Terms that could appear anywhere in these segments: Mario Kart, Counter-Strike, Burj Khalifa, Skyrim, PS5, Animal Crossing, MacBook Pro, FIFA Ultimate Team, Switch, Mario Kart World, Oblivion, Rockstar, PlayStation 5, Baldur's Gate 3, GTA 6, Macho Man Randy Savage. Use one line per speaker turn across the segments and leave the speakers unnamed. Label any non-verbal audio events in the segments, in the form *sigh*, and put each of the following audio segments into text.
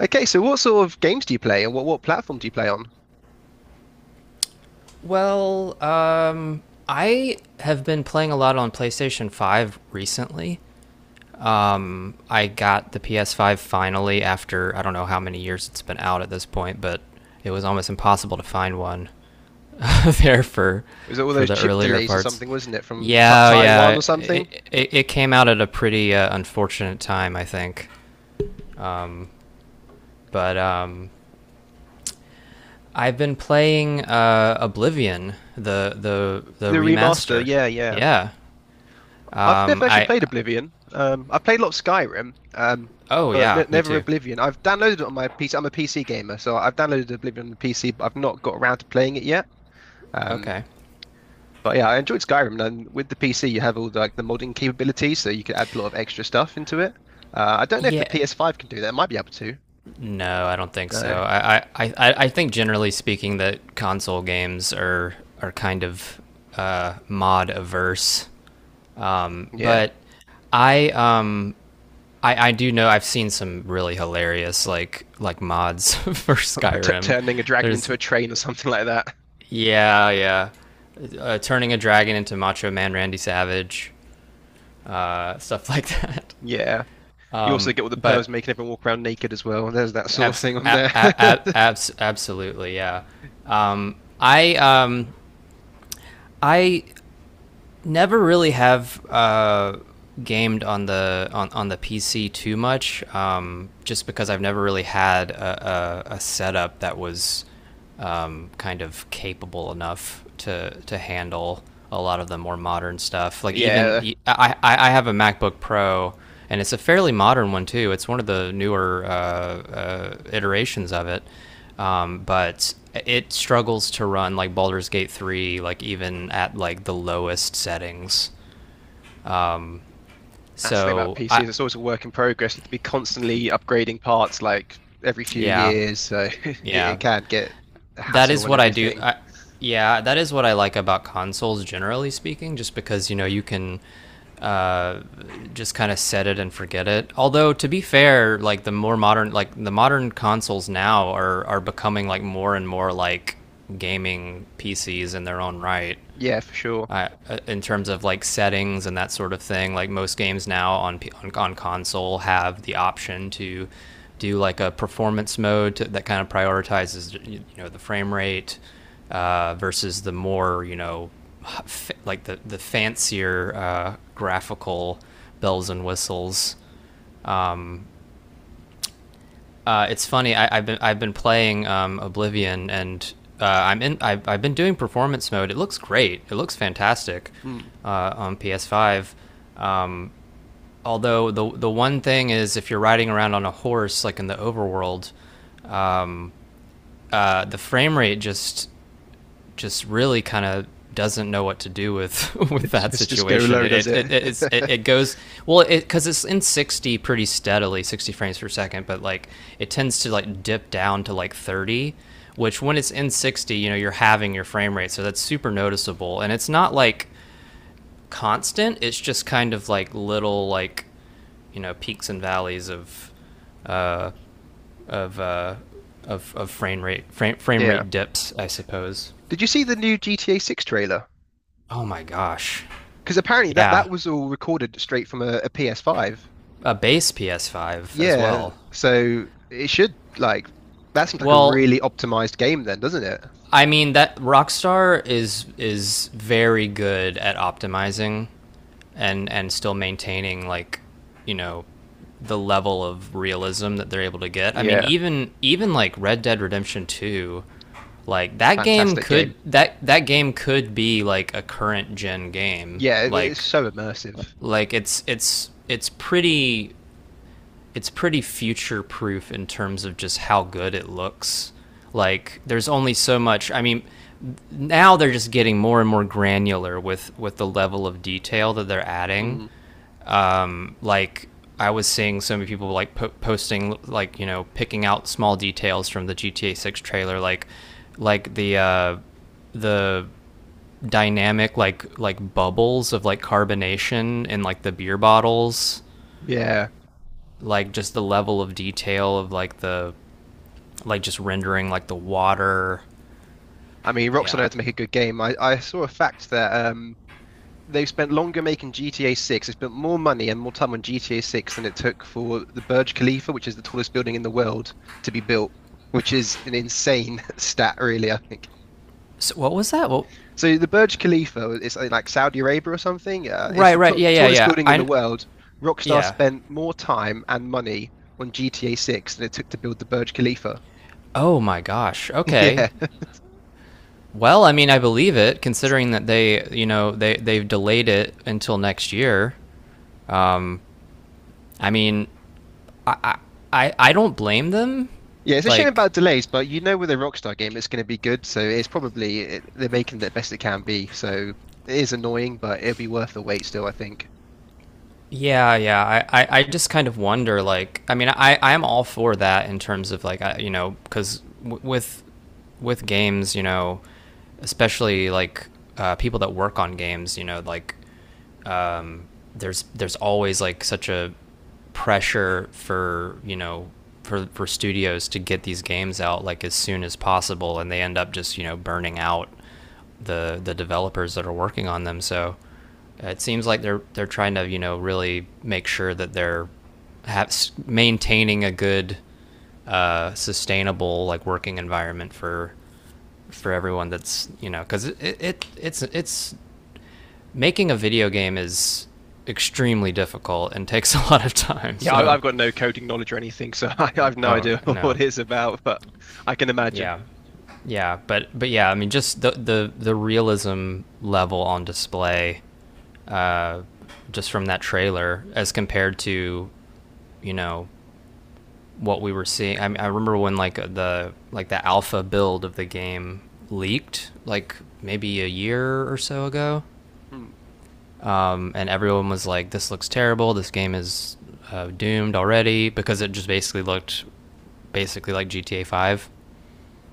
Okay, so what sort of games do you play and what platform do you play on?
Well, I have been playing a lot on PlayStation 5 recently. I got the PS5 finally after I don't know how many years it's been out at this point, but it was almost impossible to find one *laughs* there for
Was it all those
the
chip
earlier
delays or
parts.
something, wasn't it, from Ta
Yeah, yeah,
Taiwan or something?
it came out at a pretty unfortunate time, I think. But I've been playing Oblivion, the
The remaster,
remaster.
yeah, yeah.
Yeah.
I've never actually
I
played Oblivion. I played a lot of Skyrim,
Oh
but ne
yeah, me
never
too.
Oblivion. I've downloaded it on my PC. I'm a PC gamer, so I've downloaded Oblivion on the PC, but I've not got around to playing it yet. Um,
Okay.
but yeah, I enjoyed Skyrim, and with the PC, you have all the, like the modding capabilities, so you can add a lot of extra stuff into it. I don't know if the
Yeah.
PS5 can do that. It might be able to.
No, I don't think
No,
so. I think generally speaking that console games are kind of mod averse. Um,
yeah,
but I um I, I do know I've seen some really hilarious like mods *laughs* for
*laughs* like t
Skyrim.
turning a dragon into
There's
a train or something like that.
Yeah, yeah, turning a dragon into Macho Man Randy Savage, stuff like *laughs* that.
Yeah, you also get all the pervs
But
making everyone walk around naked as well. There's that sort of
Abs-
thing on
a-
there. *laughs*
a- absolutely, yeah. Um, I um, I never really have gamed on the PC too much, just because I've never really had a setup that was kind of capable enough to handle a lot of the more modern stuff. Like
Yeah,
even I have a MacBook Pro. And it's a fairly modern one too. It's one of the newer iterations of it, but it struggles to run like Baldur's Gate 3, like even at like the lowest settings.
that's the thing about
So I,
PCs. It's always a work in progress. You have to be constantly upgrading parts, like every few
yeah,
years, so *laughs* it
yeah,
can get a
that
hassle
is
and
what I do.
everything.
Yeah, that is what I like about consoles, generally speaking, just because you know you can just kind of set it and forget it. Although to be fair, like the more modern, like the modern consoles now are becoming like more and more like gaming PCs in their own right.
Yeah, for sure.
In terms of like settings and that sort of thing. Like most games now on console have the option to do like a performance mode to, that kind of prioritizes you know the frame rate versus the more you know like the fancier graphical bells and whistles. It's funny. I've been playing Oblivion, and I'm in. I've been doing performance mode. It looks great. It looks fantastic
Mm.
on PS5. Um, Although the one thing is, if you're riding around on a horse, like in the overworld, the frame rate just really kind of doesn't know what to do with *laughs* with
It's *laughs*
that
just go
situation.
low, does
It it
it?
it's, it, it goes, well, it because it's in 60 pretty steadily, 60 frames per second, but like it tends to like dip down to like 30, which when it's in 60, you know, you're having your frame rate, so that's super noticeable. And it's not like constant; it's just kind of like little like you know peaks and valleys of uh, of frame rate frame frame
Yeah.
rate dips, I suppose.
Did you see the new GTA 6 trailer?
Oh my gosh,
Because apparently that
yeah.
that was all recorded straight from a, PS5.
A base PS5 as
Yeah.
well.
So it should like that seems like a
Well,
really optimized game then, doesn't it?
I mean that Rockstar is very good at optimizing and still maintaining, like, you know, the level of realism that they're able to get. I mean,
Yeah.
even like Red Dead Redemption 2, like
Fantastic game.
that game could be like a current gen game.
Yeah, it's so immersive.
Like it's pretty future proof in terms of just how good it looks. Like there's only so much. I mean, now they're just getting more and more granular with the level of detail that they're adding.
Mm.
Like I was seeing so many people like posting like you know picking out small details from the GTA 6 trailer like the the dynamic like bubbles of like carbonation in like the beer bottles
Yeah.
like just the level of detail of like the like just rendering like the water.
I mean, Rockstar know how
Yeah.
to make a good game. I saw a fact that they've spent longer making GTA 6. They spent more money and more time on GTA 6 than it took for the Burj Khalifa, which is the tallest building in the world, to be built, which is an insane *laughs* stat, really, I think.
So what was that? Well,
So the Burj Khalifa is like Saudi Arabia or something. It's
right,
the t
right. Yeah, yeah,
tallest
yeah.
building in the
I
world. Rockstar
Yeah.
spent more time and money on GTA 6 than it took to build the Burj Khalifa.
Oh my gosh.
*laughs*
Okay.
Yeah.
Well, I mean, I believe it considering that they, you know, they've delayed it until next year. I mean, I don't blame them.
Yeah, it's a shame
Like
about delays, but you know with a Rockstar game it's going to be good, so it's probably it, they're making the best it can be. So it is annoying, but it'll be worth the wait still, I think.
Yeah, yeah. I just kind of wonder, like, I mean, I'm all for that in terms of, like, you know, because with, games, you know, especially like people that work on games, you know, like there's always like such a pressure for you know for studios to get these games out like as soon as possible, and they end up just you know burning out the developers that are working on them. So it seems like they're trying to you know really make sure that they're ha- maintaining a good sustainable like working environment for everyone that's you know because it's making a video game is extremely difficult and *laughs* takes a lot of time.
Yeah, I,
So,
I've got no coding knowledge or anything, so *laughs* I've no
oh
idea *laughs*
no,
what it's about, but I can imagine.
yeah, yeah, but yeah, I mean, just the realism level on display, uh, just from that trailer as compared to, you know, what we were seeing. I mean, I remember when like the like the alpha build of the game leaked, like maybe a year or so ago.
Mm.
And everyone was like, "This looks terrible. This game is doomed already," because it just basically looked basically like GTA Five,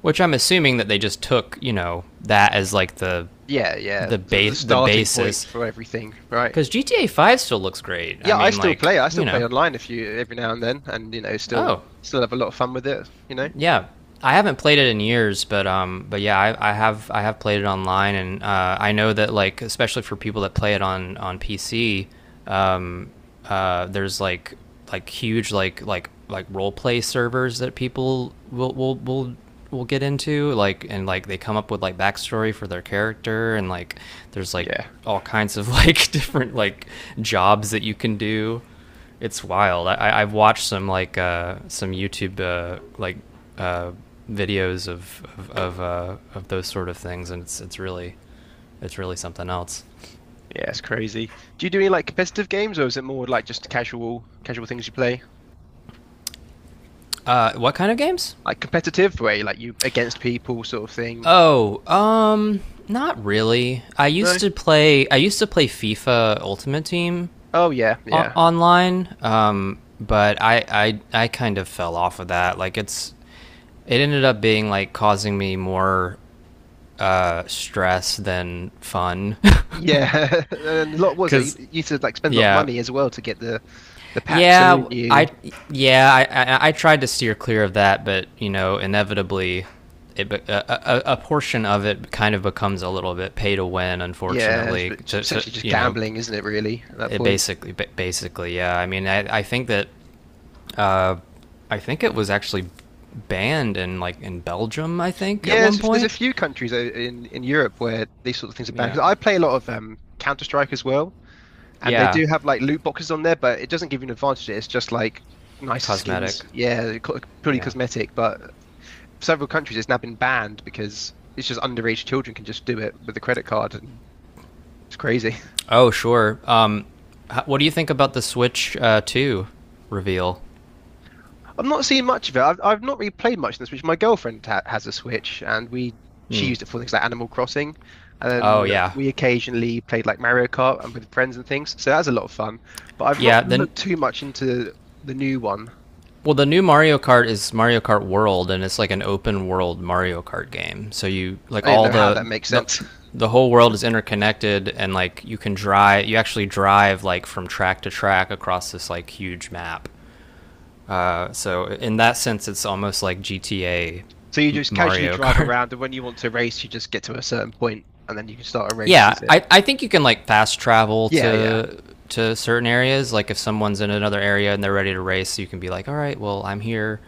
which I'm assuming that they just took you know that as like
Yeah, yeah, the
the
starting point
basis
for everything, right?
because GTA Five still looks great. I
Yeah, I
mean,
still
like
play. I
you
still play
know.
online if you every now and then, and you know, still
Oh
still have a lot of fun with it, you know?
yeah. I haven't played it in years, but yeah, I have played it online, and I know that like especially for people that play it on PC, uh, there's like huge like role play servers that people will get into like and like they come up with like backstory for their character and like there's like
Yeah,
all kinds of *laughs* like different like jobs that you can do. It's wild. I have watched some like some YouTube uh, videos of those sort of things, and it's really something else.
yeah, it's crazy. Do you do any like competitive games, or is it more like just casual things you play?
What kind of games?
Like competitive way, like you against people sort of thing?
Oh, not really. I
No?
used to play. I used to play FIFA Ultimate Team
Oh yeah, yeah.
online, but I kind of fell off of that. Like it ended up being like causing me more stress than fun,
Yeah. *laughs* And a
*laughs*
lot was it? You,
because
you used to like spend a lot of
yeah,
money as well to get the packs,
yeah,
don't you?
I tried to steer clear of that, but you know inevitably, it be- a portion of it kind of becomes a little bit pay to win.
Yeah, it's
Unfortunately,
it's
to
essentially just
you know,
gambling, isn't it, really, at that
it
point?
basically, yeah. I mean, uh, I think it was actually banned in like in Belgium. I think at
Yeah,
one
there's a
point.
few countries in Europe where these sort of things are banned.
Yeah,
'Cause I play a lot of Counter-Strike as well, and they
yeah,
do have like loot boxes on there, but it doesn't give you an advantage. It's just like nicer skins.
cosmetic.
Yeah, purely
Yeah.
cosmetic, but several countries it's now been banned because it's just underage children can just do it with a credit card and it's crazy.
Oh, sure. What do you think about the Switch Two reveal?
*laughs* I've not seen much of it. I've not really played much in the Switch. My girlfriend ha has a Switch and we she used it for things like Animal Crossing and
Oh
then
yeah,
we occasionally played like Mario Kart and with friends and things. So that's a lot of fun. But I've not
yeah. Then,
looked too much into the new one.
well, the new Mario Kart is Mario Kart World, and it's like an open world Mario Kart game. So you like
I don't
all
know how that makes sense. *laughs*
the whole world is interconnected, and like you can drive. You actually drive, like, from track to track across this like huge map. So in that sense, it's almost like GTA
So you just casually
Mario
drive
Kart. *laughs*
around and when you want to race you just get to a certain point and then you can start a race,
Yeah,
is it?
I think you can like fast travel
Yeah, yeah.
to certain areas. Like if someone's in another area and they're ready to race, you can be like, all right, well, I'm here,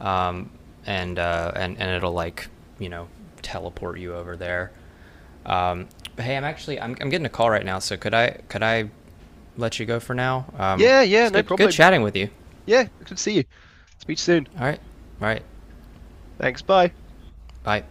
um, and it'll, like, you know, teleport you over there. Um, but hey, I'm getting a call right now, so could I let you go for now?
Yeah, yeah,
It's
no
good
problem.
chatting with you.
Yeah, good to see you. Speak soon.
All right, all right,
Thanks. Bye.
bye.